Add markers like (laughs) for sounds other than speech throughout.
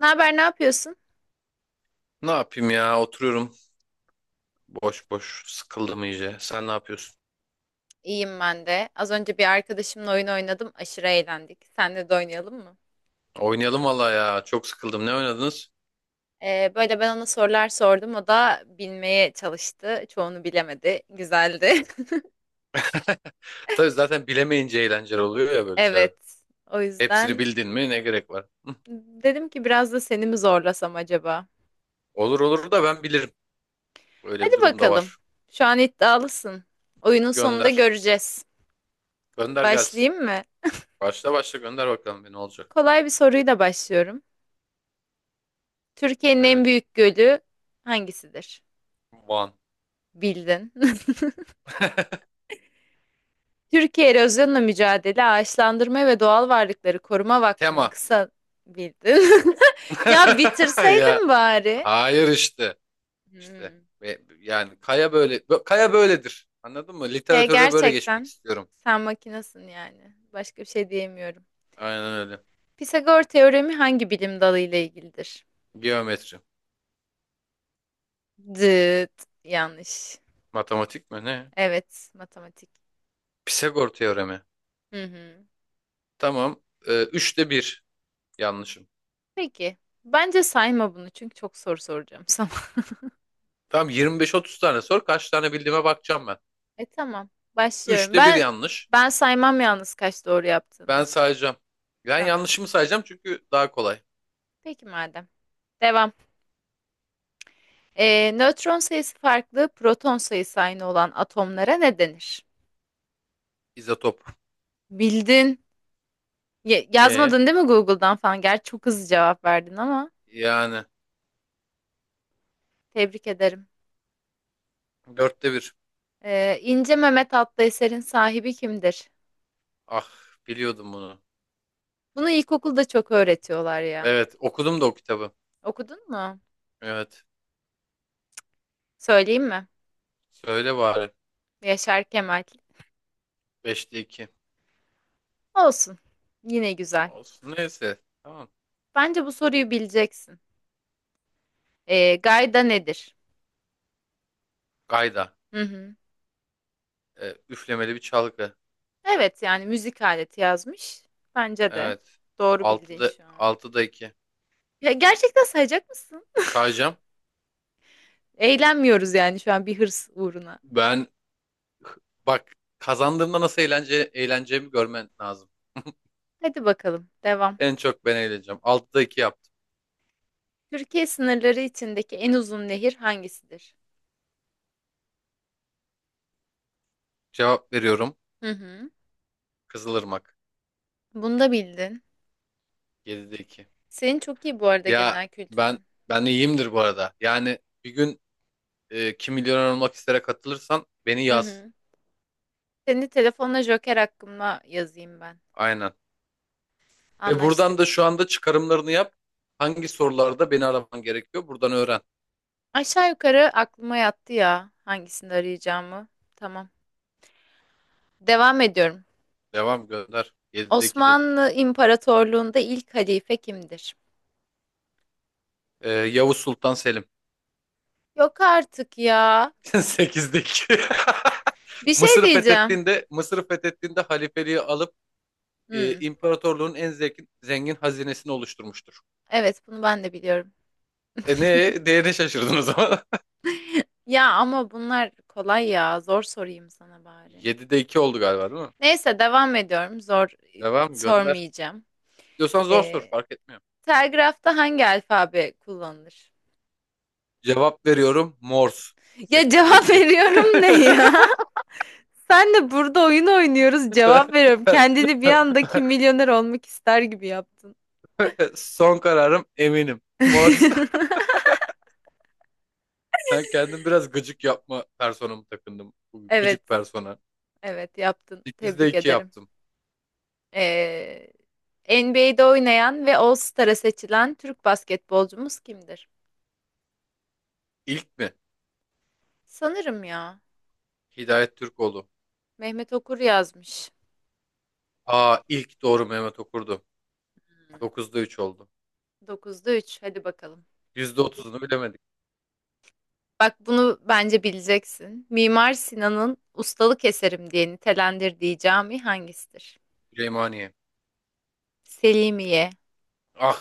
Ne haber, ne yapıyorsun? Ne yapayım ya? Oturuyorum boş boş. Sıkıldım iyice. Sen ne yapıyorsun? İyiyim ben de. Az önce bir arkadaşımla oyun oynadım. Aşırı eğlendik. Senle de oynayalım mı? Oynayalım valla ya. Çok sıkıldım. Ne oynadınız? Böyle ben ona sorular sordum. O da bilmeye çalıştı. Çoğunu bilemedi. Güzeldi. (laughs) (laughs) Tabii zaten bilemeyince eğlenceli oluyor ya böyle şeyler. Evet. O Hepsini yüzden bildin mi ne gerek var? Hı. dedim ki biraz da seni mi zorlasam acaba? Olur olur da ben bilirim. Öyle bir Hadi durum da bakalım. var. Şu an iddialısın. Oyunun sonunda Gönder. göreceğiz. Gönder gelsin. Başlayayım mı? Başla başla gönder bakalım bir olacak. Kolay bir soruyla başlıyorum. Türkiye'nin en Evet. büyük gölü hangisidir? One. Bildin. (laughs) Türkiye Erozyonla Mücadele Ağaçlandırma ve Doğal Varlıkları Koruma Vakfı'nın Tema. kısa bildin. (laughs) Ya (laughs) Ya bitirseydim bari. hayır işte. İşte Hmm. Yani kaya kaya böyledir. Anladın mı? He Literatürde böyle geçmek gerçekten istiyorum. sen makinasın yani. Başka bir şey diyemiyorum. Aynen öyle. Pisagor teoremi hangi bilim dalı ile ilgilidir? Geometri. Dıt. Yanlış. Matematik mi ne? Evet, matematik. Pisagor teoremi. Hı hı. Tamam. Üçte bir yanlışım. Peki. Bence sayma bunu çünkü çok soru soracağım sana. (laughs) Tamam, 25-30 tane sor. Kaç tane bildiğime bakacağım ben. E tamam. Başlıyorum. Üçte bir Ben yanlış. ben saymam yalnız kaç doğru Ben yaptığını. sayacağım. Ben Tamam. yanlışımı sayacağım çünkü daha kolay. Peki madem. Devam. Nötron sayısı farklı, proton sayısı aynı olan atomlara ne denir? İzotop. Bildin. E, Yazmadın değil mi Google'dan falan? Gerçi çok hızlı cevap verdin ama yani tebrik ederim. dörtte bir. İnce Mehmet adlı eserin sahibi kimdir? Ah, biliyordum bunu. Bunu ilkokulda çok öğretiyorlar ya. Evet, okudum da o kitabı. Okudun mu? Evet. Söyleyeyim mi? Söyle bari. Yaşar Kemal. Beşte iki. Olsun. Yine güzel. Olsun. Neyse. Tamam. Bence bu soruyu bileceksin. Gayda nedir? Gayda. Hı hı. Üflemeli bir çalgı. Evet yani müzik aleti yazmış. Bence de. Evet. Doğru bildin şu an. Altıda 2. Ya gerçekten sayacak mısın? Sağacağım. Eğlenmiyoruz yani şu an bir hırs uğruna. Ben bak, kazandığımda nasıl eğleneceğimi görmen lazım. Hadi bakalım devam. En çok ben eğleneceğim. Altıda 2 yaptım. Türkiye sınırları içindeki en uzun nehir hangisidir? Cevap veriyorum. Hı hı. Kızılırmak. Bunu da bildin. 7'de iki. Senin çok iyi bu arada Ya genel ben kültürün. Ben iyiyimdir bu arada. Yani bir gün Kim Milyoner Olmak istere katılırsan beni Hı yaz. hı. Seni telefonla Joker hakkında yazayım ben. Aynen. Ve buradan da Anlaştık. şu anda çıkarımlarını yap. Hangi sorularda beni araman gerekiyor? Buradan öğren. Aşağı yukarı aklıma yattı ya hangisini arayacağımı. Tamam. Devam ediyorum. Devam gönder. 7'de 2 dedik. Osmanlı İmparatorluğu'nda ilk halife kimdir? Yavuz Sultan Selim. Yok artık ya. (laughs) Sekizdeki. (laughs) Bir şey diyeceğim. Mısır'ı fethettiğinde halifeliği alıp Hmm, imparatorluğun en zengin hazinesini oluşturmuştur. evet bunu ben de biliyorum. E, ne değerine şaşırdın o zaman. Ya ama bunlar kolay ya. Zor sorayım sana (laughs) bari. 7'de 2 oldu galiba değil mi? Neyse devam ediyorum. Zor Devam gönder. sormayacağım. Diyorsan zor sor, Ee, fark etmiyor. Telgrafta hangi alfabe kullanılır? Cevap veriyorum, Morse. Ya 8'de cevap (laughs) 2. (laughs) veriyorum ne ya? Sen de burada oyun oynuyoruz cevap veriyorum. Kendini bir anda Kim Milyoner olmak ister gibi yaptın. Son kararım eminim. Morse. (laughs) Ben kendim biraz gıcık yapma personamı takındım. Evet. Gıcık persona. Evet yaptın. 8'de Tebrik 2 ederim. yaptım. Ee, NBA'de oynayan ve All-Star'a seçilen Türk basketbolcumuz kimdir? İlk mi? Sanırım ya. Hidayet Türkoğlu. Mehmet Okur yazmış. Aa, ilk doğru Mehmet Okur'du. Dokuzda 3 oldu. Dokuzda üç. Hadi bakalım. Yüzde otuzunu bilemedik. Bak bunu bence bileceksin. Mimar Sinan'ın ustalık eserim diye nitelendirdiği cami hangisidir? Süleymaniye. Selimiye. Ah,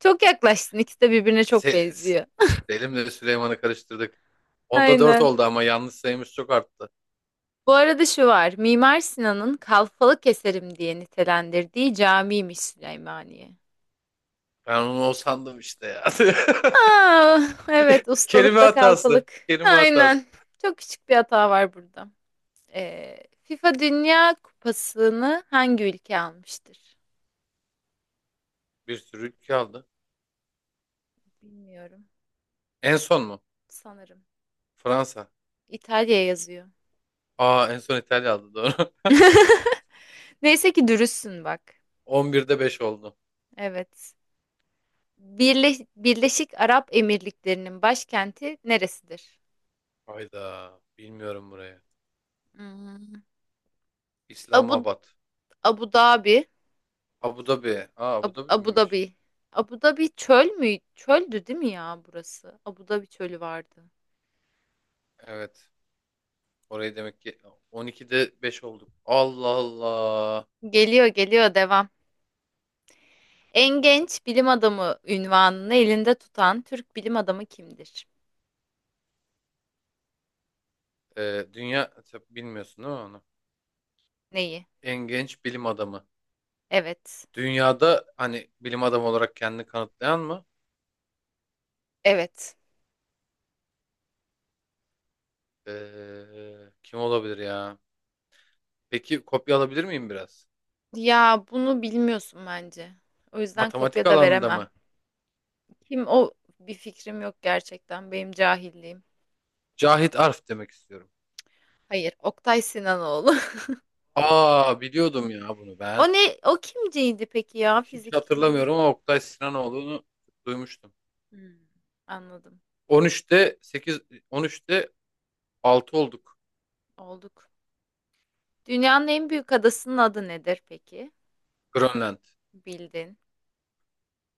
Çok yaklaştın. İkisi de birbirine çok se- s- benziyor. Selim'le Süleyman'ı karıştırdık. Onda 4 Aynen. oldu ama yanlış sayımız çok arttı. Bu arada şu var. Mimar Sinan'ın Kalfalık eserim diye nitelendirdiği camiymiş Süleymaniye. Ben onu o sandım işte ya. Aa, evet (laughs) Kelime ustalıkla hatası. kalfalık. Kelime hatası. Aynen. Çok küçük bir hata var burada. FIFA Dünya Kupası'nı hangi ülke almıştır? Bir sürü ülke aldı. Bilmiyorum. En son mu? Sanırım. Fransa. İtalya yazıyor. Aa, en son İtalya aldı, doğru. (laughs) Neyse ki dürüstsün bak. (laughs) On birde beş oldu. Evet. Birleşik Arap Emirlikleri'nin başkenti neresidir? Hayda. Bilmiyorum buraya. Hmm. Abu İslamabad. Abu Dhabi. Abu Dhabi. Aa, Abu Dhabi Abu miymiş? Dhabi. Abu Dhabi çöl mü? Çöldü değil mi ya burası? Abu Dhabi çölü vardı. Evet. Orayı demek ki, 12'de 5 olduk. Allah Allah. Geliyor geliyor devam. En genç bilim adamı ünvanını elinde tutan Türk bilim adamı kimdir? Dünya, tabii bilmiyorsun değil mi onu? Neyi? En genç bilim adamı. Evet. Dünyada hani bilim adamı olarak kendini kanıtlayan mı? Evet. Kim olabilir ya? Peki kopya alabilir miyim biraz? Ya bunu bilmiyorsun bence. O yüzden Matematik kopya da alanında veremem. mı? Kim o bir fikrim yok gerçekten. Benim cahilliğim. Cahit Arf demek istiyorum. Hayır, Oktay Sinanoğlu. (laughs) Aa, biliyordum ya bunu ben. O ne? O kimciydi peki ya? Hiç Fizik kimya. hatırlamıyorum ama Oktay Sinanoğlu'nu duymuştum. Hmm, anladım. 13'te 8 13'te 6 olduk. Olduk. Dünyanın en büyük adasının adı nedir peki? Grönland. Bildin.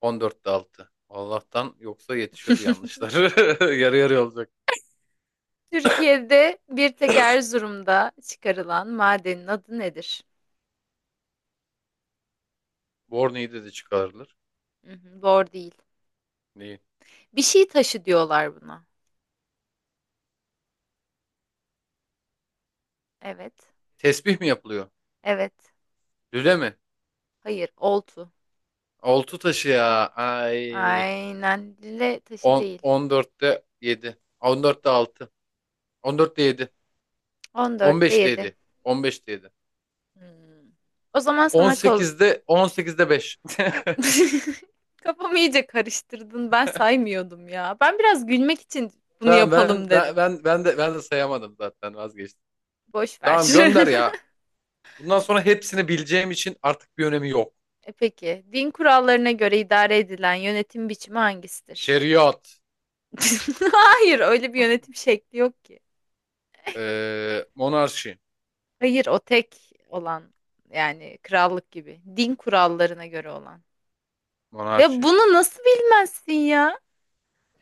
14'te 6. Allah'tan yoksa yetişiyordu (laughs) yanlışlar. (laughs) Yarı yarıya olacak. Türkiye'de bir tek Erzurum'da çıkarılan madenin adı nedir? Borne'yi de çıkarılır. Hı hı, doğru değil. Neyi? Bir şey taşı diyorlar buna. Evet. Tesbih mi yapılıyor? Evet. Lüle mi? Hayır. Oltu. Oltu taşı ya. Ay. Aynen. Lüle taşı 10, değil. 14'te 7. 14'te 6. 7. 14'te 15'te 7. yedi. 15'te 7. O zaman sana kol... 18'de 5. (laughs) (laughs) Kafamı iyice karıştırdın. Ben saymıyordum ya. Ben biraz gülmek için bunu Tamam, yapalım dedim. Ben de sayamadım zaten, vazgeçtim. Boş ver. Tamam, gönder (laughs) ya. Bundan sonra hepsini bileceğim için artık bir önemi yok. E peki, din kurallarına göre idare edilen yönetim biçimi hangisidir? Şeriat, (laughs) Hayır, öyle bir yönetim şekli yok ki. Monarşi. Hayır, o tek olan yani krallık gibi. Din kurallarına göre olan. Ve Monarşi. bunu nasıl bilmezsin ya?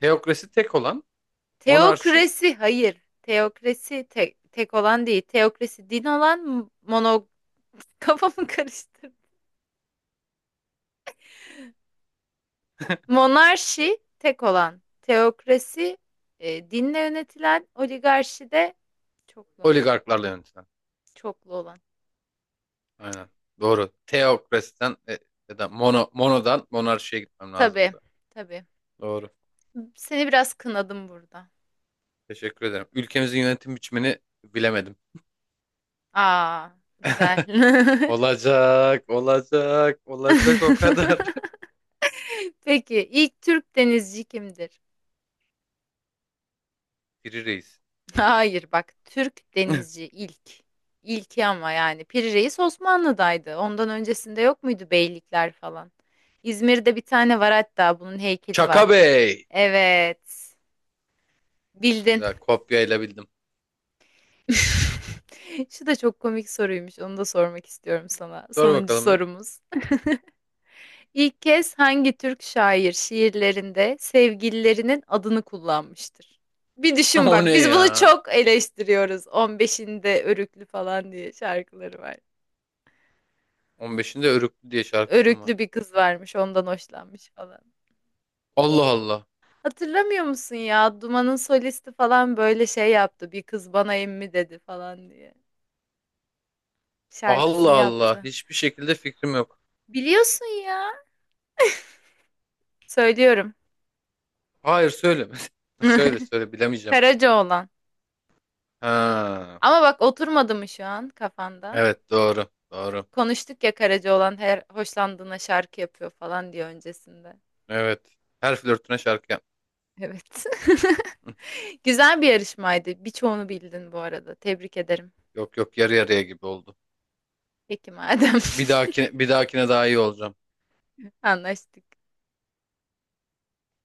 Teokrasi tek olan, monarşi Teokrasi, hayır. Tek olan değil. Teokrasi din olan mono... (laughs) Kafamı karıştırdım. Monarşi tek olan. Teokrasi dinle yönetilen. Oligarşi de çoklu. oligarklarla yönetilen. Çoklu olan. Aynen. Doğru. Teokrasiden ya da monodan monarşiye gitmem Tabii, lazımdı. tabii. Doğru. Seni biraz kınadım burada. Teşekkür ederim. Ülkemizin yönetim biçimini bilemedim. Aa, güzel. (laughs) Olacak, olacak, olacak o kadar. (laughs) Peki ilk Türk denizci kimdir? Biri reis. Hayır bak Türk (laughs) denizci ilk. İlki ama yani Piri Reis Osmanlı'daydı. Ondan öncesinde yok muydu beylikler falan? İzmir'de bir tane var hatta bunun heykeli Çaka var. Bey. Evet. Bildin. Güzel kopyayla bildim. (laughs) Şu da çok komik soruymuş. Onu da sormak istiyorum sana. Sor Sonuncu bakalım bir. sorumuz. İlk kez hangi Türk şair şiirlerinde sevgililerinin adını kullanmıştır? Bir (laughs) düşün O bak, ne biz bunu ya? çok eleştiriyoruz. 15'inde Örüklü falan diye şarkıları var. 15'inde Örüklü diye şarkısım var. Örüklü bir kız varmış, ondan hoşlanmış falan. Allah Allah. Hatırlamıyor musun ya? Duman'ın solisti falan böyle şey yaptı. Bir kız bana emmi dedi falan diye. Allah Şarkısını Allah. yaptı. Hiçbir şekilde fikrim yok. Biliyorsun ya. Söylüyorum. Hayır, söyle. (laughs) Söyle söyle (laughs) bilemeyeceğim. Karacaoğlan. Ha, Ama bak oturmadı mı şu an kafanda? evet doğru. Doğru. Konuştuk ya Karacaoğlan her hoşlandığına şarkı yapıyor falan diye öncesinde. Evet. Her flörtüne şarkı yap. Evet. Hı. (laughs) Güzel bir yarışmaydı. Birçoğunu bildin bu arada. Tebrik ederim. Yok yok, yarı yarıya gibi oldu. Peki madem. Bir dahakine daha iyi olacağım. (laughs) Anlaştık.